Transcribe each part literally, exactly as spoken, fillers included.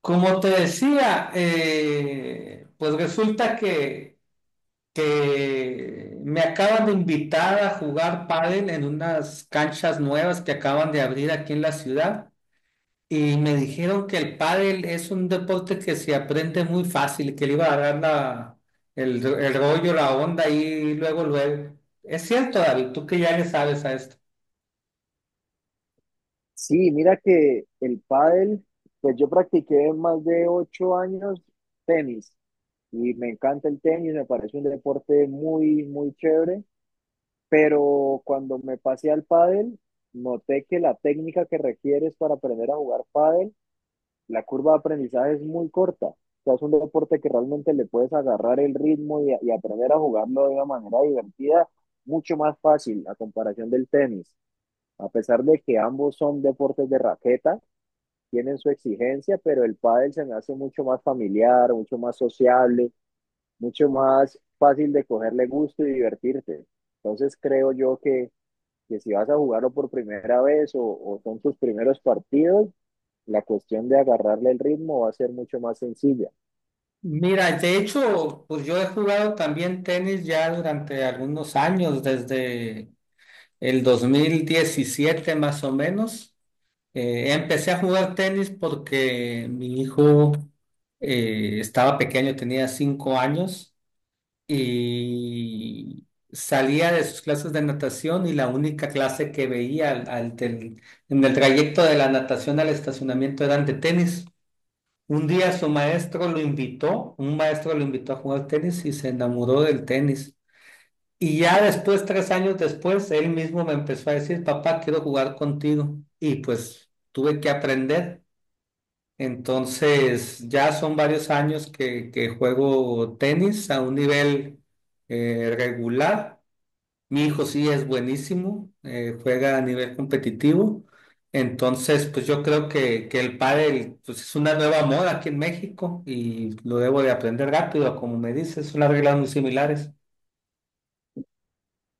Como te decía, eh, pues resulta que, que me acaban de invitar a jugar pádel en unas canchas nuevas que acaban de abrir aquí en la ciudad, y me dijeron que el pádel es un deporte que se aprende muy fácil, que le iba a dar la, el, el rollo, la onda y luego, luego. Es cierto, David, tú que ya le sabes a esto. Sí, mira que el pádel, pues yo practiqué más de ocho años tenis y me encanta el tenis, me parece un deporte muy, muy chévere, pero cuando me pasé al pádel, noté que la técnica que requieres para aprender a jugar pádel, la curva de aprendizaje es muy corta. O sea, es un deporte que realmente le puedes agarrar el ritmo y, y aprender a jugarlo de una manera divertida, mucho más fácil a comparación del tenis, a pesar de que ambos son deportes de raqueta tienen su exigencia, pero el pádel se me hace mucho más familiar, mucho más sociable, mucho más fácil de cogerle gusto y divertirte. Entonces creo yo que, que si vas a jugarlo por primera vez o, o son tus primeros partidos, la cuestión de agarrarle el ritmo va a ser mucho más sencilla. Mira, de hecho, pues yo he jugado también tenis ya durante algunos años, desde El dos mil diecisiete, más o menos. Eh, empecé a jugar tenis porque mi hijo eh, estaba pequeño, tenía cinco años, y salía de sus clases de natación, y la única clase que veía al, al del- en el trayecto de la natación al estacionamiento eran de tenis. Un día su maestro lo invitó, un maestro lo invitó a jugar tenis y se enamoró del tenis. Y ya después, tres años después, él mismo me empezó a decir: papá, quiero jugar contigo. Y pues tuve que aprender. Entonces, ya son varios años que, que juego tenis a un nivel eh, regular. Mi hijo sí es buenísimo, eh, juega a nivel competitivo. Entonces, pues yo creo que, que el pádel, pues, es una nueva moda aquí en México, y lo debo de aprender rápido. Como me dices, son las reglas muy similares.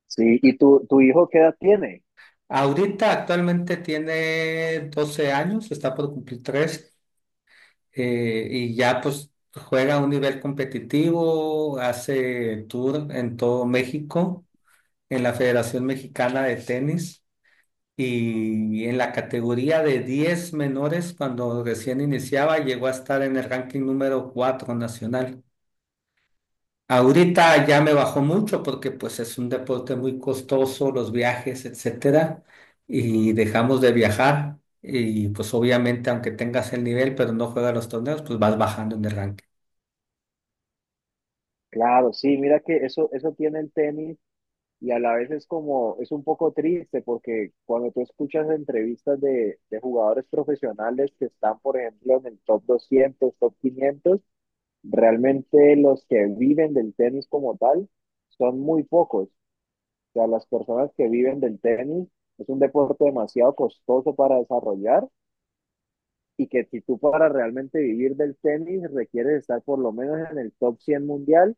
Sí, ¿y tu, tu hijo qué edad tiene? Ahorita actualmente tiene doce años, está por cumplir tres, y ya pues juega a un nivel competitivo, hace tour en todo México, en la Federación Mexicana de Tenis, y en la categoría de diez menores, cuando recién iniciaba llegó a estar en el ranking número cuatro nacional. Ahorita ya me bajó mucho porque pues es un deporte muy costoso, los viajes, etcétera, y dejamos de viajar, y pues obviamente aunque tengas el nivel pero no juegas los torneos, pues vas bajando en el ranking. Claro, sí, mira que eso, eso tiene el tenis. Y a la vez es como, es un poco triste porque cuando tú escuchas entrevistas de, de jugadores profesionales que están, por ejemplo, en el top doscientos, top quinientos, realmente los que viven del tenis como tal son muy pocos. O sea, las personas que viven del tenis es un deporte demasiado costoso para desarrollar y que si tú para realmente vivir del tenis requieres estar por lo menos en el top cien mundial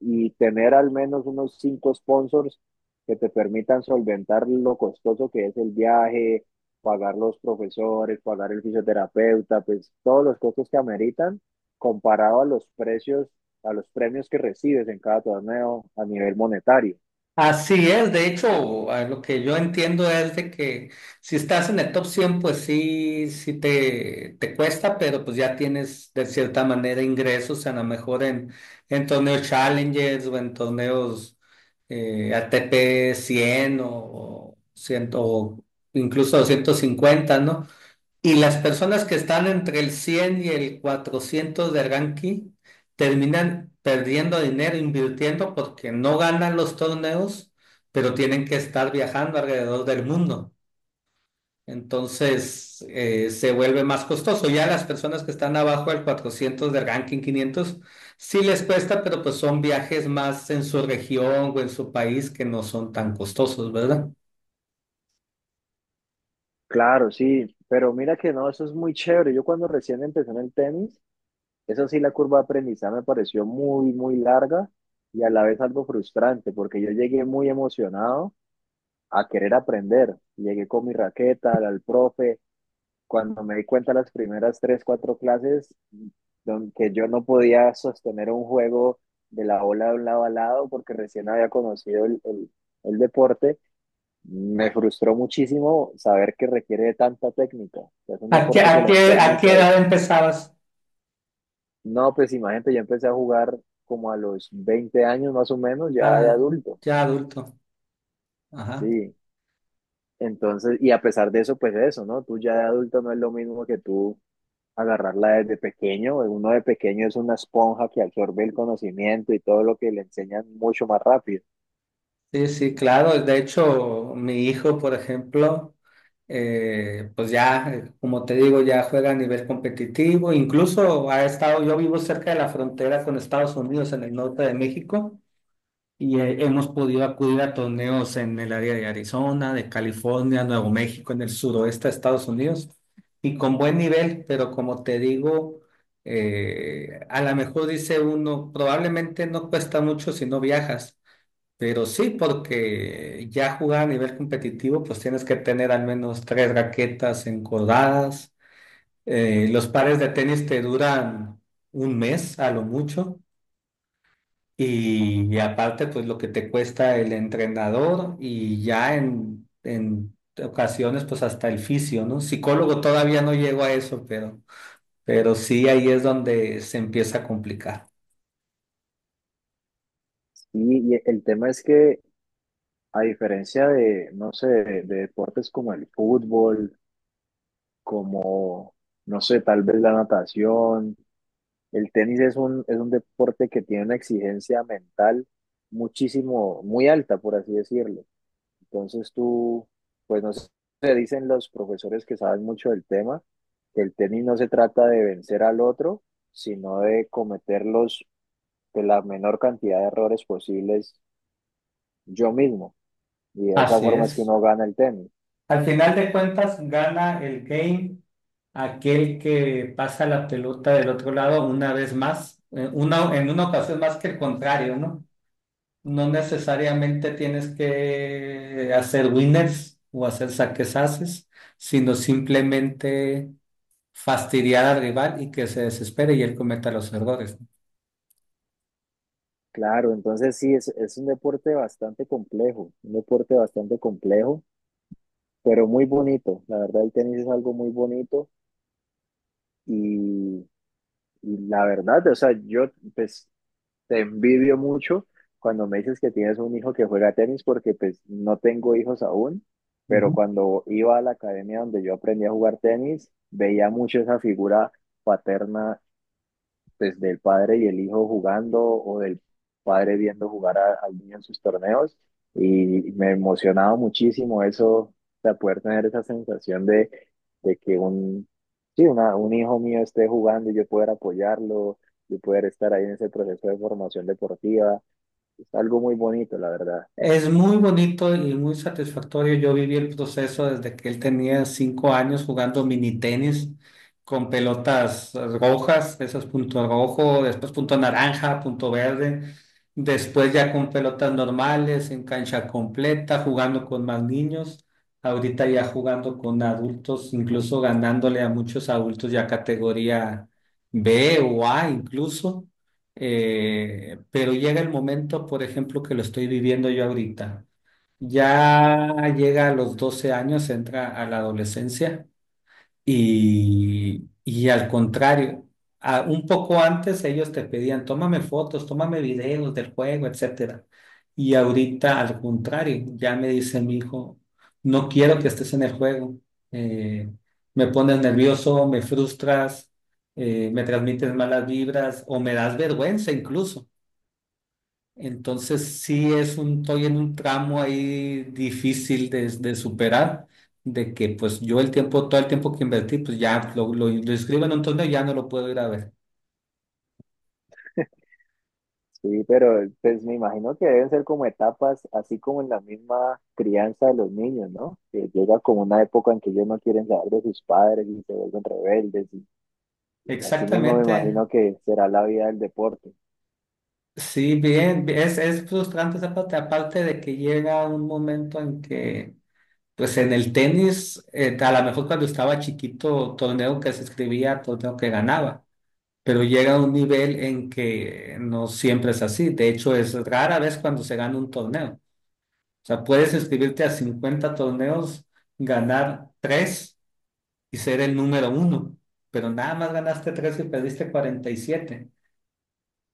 y tener al menos unos cinco sponsors que te permitan solventar lo costoso que es el viaje, pagar los profesores, pagar el fisioterapeuta, pues todos los costos que ameritan comparado a los precios, a los premios que recibes en cada torneo a nivel monetario. Así es. De hecho, a lo que yo entiendo es de que, si estás en el top cien, pues sí, sí te, te cuesta, pero pues ya tienes de cierta manera ingresos, a lo mejor en en torneos Challengers o en torneos eh, A T P cien, o, o cien, o incluso doscientos cincuenta, ¿no? Y las personas que están entre el cien y el cuatrocientos de ranking terminan perdiendo dinero invirtiendo porque no ganan los torneos, pero tienen que estar viajando alrededor del mundo. Entonces, eh, se vuelve más costoso. Ya las personas que están abajo del cuatrocientos, del ranking quinientos, sí les cuesta, pero pues son viajes más en su región o en su país, que no son tan costosos, ¿verdad? Claro, sí, pero mira que no, eso es muy chévere. Yo cuando recién empecé en el tenis, eso sí, la curva de aprendizaje me pareció muy, muy larga y a la vez algo frustrante, porque yo llegué muy emocionado a querer aprender. Llegué con mi raqueta al, al profe. Cuando me di cuenta las primeras tres, cuatro clases, don- que yo no podía sostener un juego de la bola de un lado a lado porque recién había conocido el, el, el deporte, me frustró muchísimo saber que requiere de tanta técnica. Es un ¿A qué, deporte que a la qué, a qué técnica edad es. empezabas? No, pues imagínate, yo empecé a jugar como a los veinte años más o menos, ya de Ah, adulto, ya adulto. Ajá. sí. Entonces, y a pesar de eso, pues eso, ¿no? Tú ya de adulto no es lo mismo que tú agarrarla desde pequeño. Uno de pequeño es una esponja que absorbe el conocimiento y todo lo que le enseñan mucho más rápido. Sí, sí, claro. De hecho, mi hijo, por ejemplo, eh, pues ya, eh, como te digo, ya juega a nivel competitivo. Incluso ha estado... Yo vivo cerca de la frontera con Estados Unidos, en el norte de México, y eh, hemos podido acudir a torneos en el área de Arizona, de California, Nuevo México, en el suroeste de Estados Unidos, y con buen nivel. Pero como te digo, eh, a lo mejor dice uno, probablemente no cuesta mucho si no viajas, pero sí, porque ya jugar a nivel competitivo, pues tienes que tener al menos tres raquetas encordadas. Eh, los pares de tenis te duran un mes a lo mucho. Y, y aparte, pues lo que te cuesta el entrenador, y ya en en ocasiones, pues hasta el fisio, ¿no? Psicólogo todavía no llego a eso, pero, pero sí, ahí es donde se empieza a complicar. Y, y el tema es que, a diferencia de, no sé, de, de deportes como el fútbol, como, no sé, tal vez la natación, el tenis es un, es un deporte que tiene una exigencia mental muchísimo, muy alta, por así decirlo. Entonces tú, pues no sé, te dicen los profesores que saben mucho del tema, que el tenis no se trata de vencer al otro, sino de cometer los, de la menor cantidad de errores posibles yo mismo. Y de esa Así forma es que es. uno gana el tenis. Al final de cuentas, gana el game aquel que pasa la pelota del otro lado una vez más, eh, una, en una ocasión más que el contrario, ¿no? No necesariamente tienes que hacer winners o hacer saques haces, sino simplemente fastidiar al rival y que se desespere y él cometa los errores. Claro, entonces sí, es, es un deporte bastante complejo, un deporte bastante complejo, pero muy bonito. La verdad, el tenis es algo muy bonito. Y, y la verdad, o sea, yo pues te envidio mucho cuando me dices que tienes un hijo que juega tenis porque pues no tengo hijos aún, pero ¿No? cuando iba a la academia donde yo aprendí a jugar tenis, veía mucho esa figura paterna pues, del padre y el hijo jugando o del padre viendo jugar a- al niño en sus torneos y me emocionaba muchísimo eso, de poder tener esa sensación de, de, que un, sí, una- un hijo mío esté jugando y yo poder apoyarlo, yo poder estar ahí en ese proceso de formación deportiva. Es algo muy bonito, la verdad. Es muy bonito y muy satisfactorio. Yo viví el proceso desde que él tenía cinco años jugando mini tenis, con pelotas rojas, esas punto rojo, después punto naranja, punto verde, después ya con pelotas normales, en cancha completa, jugando con más niños, ahorita ya jugando con adultos, incluso ganándole a muchos adultos ya categoría B o A incluso. Eh, pero llega el momento, por ejemplo, que lo estoy viviendo yo ahorita. Ya llega a los doce años, entra a la adolescencia, y, y al contrario, a- un poco antes ellos te pedían: tómame fotos, tómame videos del juego, etcétera. Y ahorita al contrario, ya me dice mi hijo: no quiero que estés en el juego, eh, me pones nervioso, me frustras, eh, me transmites malas vibras o me das vergüenza incluso. Entonces sí, es un, estoy en un tramo ahí difícil de, de superar, de que pues yo el tiempo, todo el tiempo que invertí, pues ya lo, lo, lo inscribo en un torneo y ya no lo puedo ir a ver. Sí, pero pues me imagino que deben ser como etapas, así como en la misma crianza de los niños, ¿no? Que llega como una época en que ellos no quieren saber de sus padres y se vuelven rebeldes. Y así mismo me Exactamente. imagino que será la vida del deporte. Sí, bien, es, es frustrante esa parte, aparte de que llega un momento en que, pues en el tenis, eh, a lo mejor cuando estaba chiquito, torneo que se escribía, torneo que ganaba, pero llega a un nivel en que no siempre es así. De hecho, es rara vez cuando se gana un torneo. O sea, puedes inscribirte a cincuenta torneos, ganar tres y ser el número uno, pero nada más ganaste tres y perdiste cuarenta y siete. Y siete.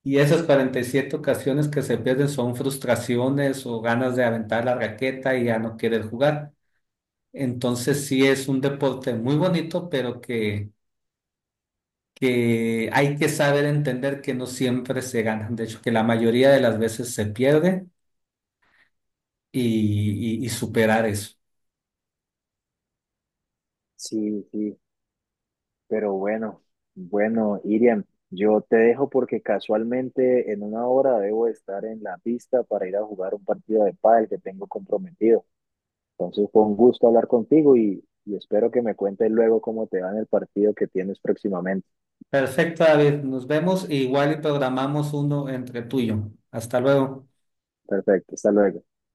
Y esas cuarenta y siete ocasiones que se pierden son frustraciones o ganas de aventar la raqueta y ya no querer jugar. Entonces sí, es un deporte muy bonito, pero que, que hay que saber entender que no siempre se gana. De hecho, que la mayoría de las veces se pierde, y, y y superar eso. Sí, sí, pero bueno, bueno, Iriam, yo te dejo porque casualmente en una hora debo estar en la pista para ir a jugar un partido de pádel que tengo comprometido. Entonces fue un gusto hablar contigo y, y espero que me cuentes luego cómo te va en el partido que tienes próximamente. Perfecto, David. Nos vemos e igual y programamos uno entre tú y yo. Hasta luego. Perfecto, hasta luego.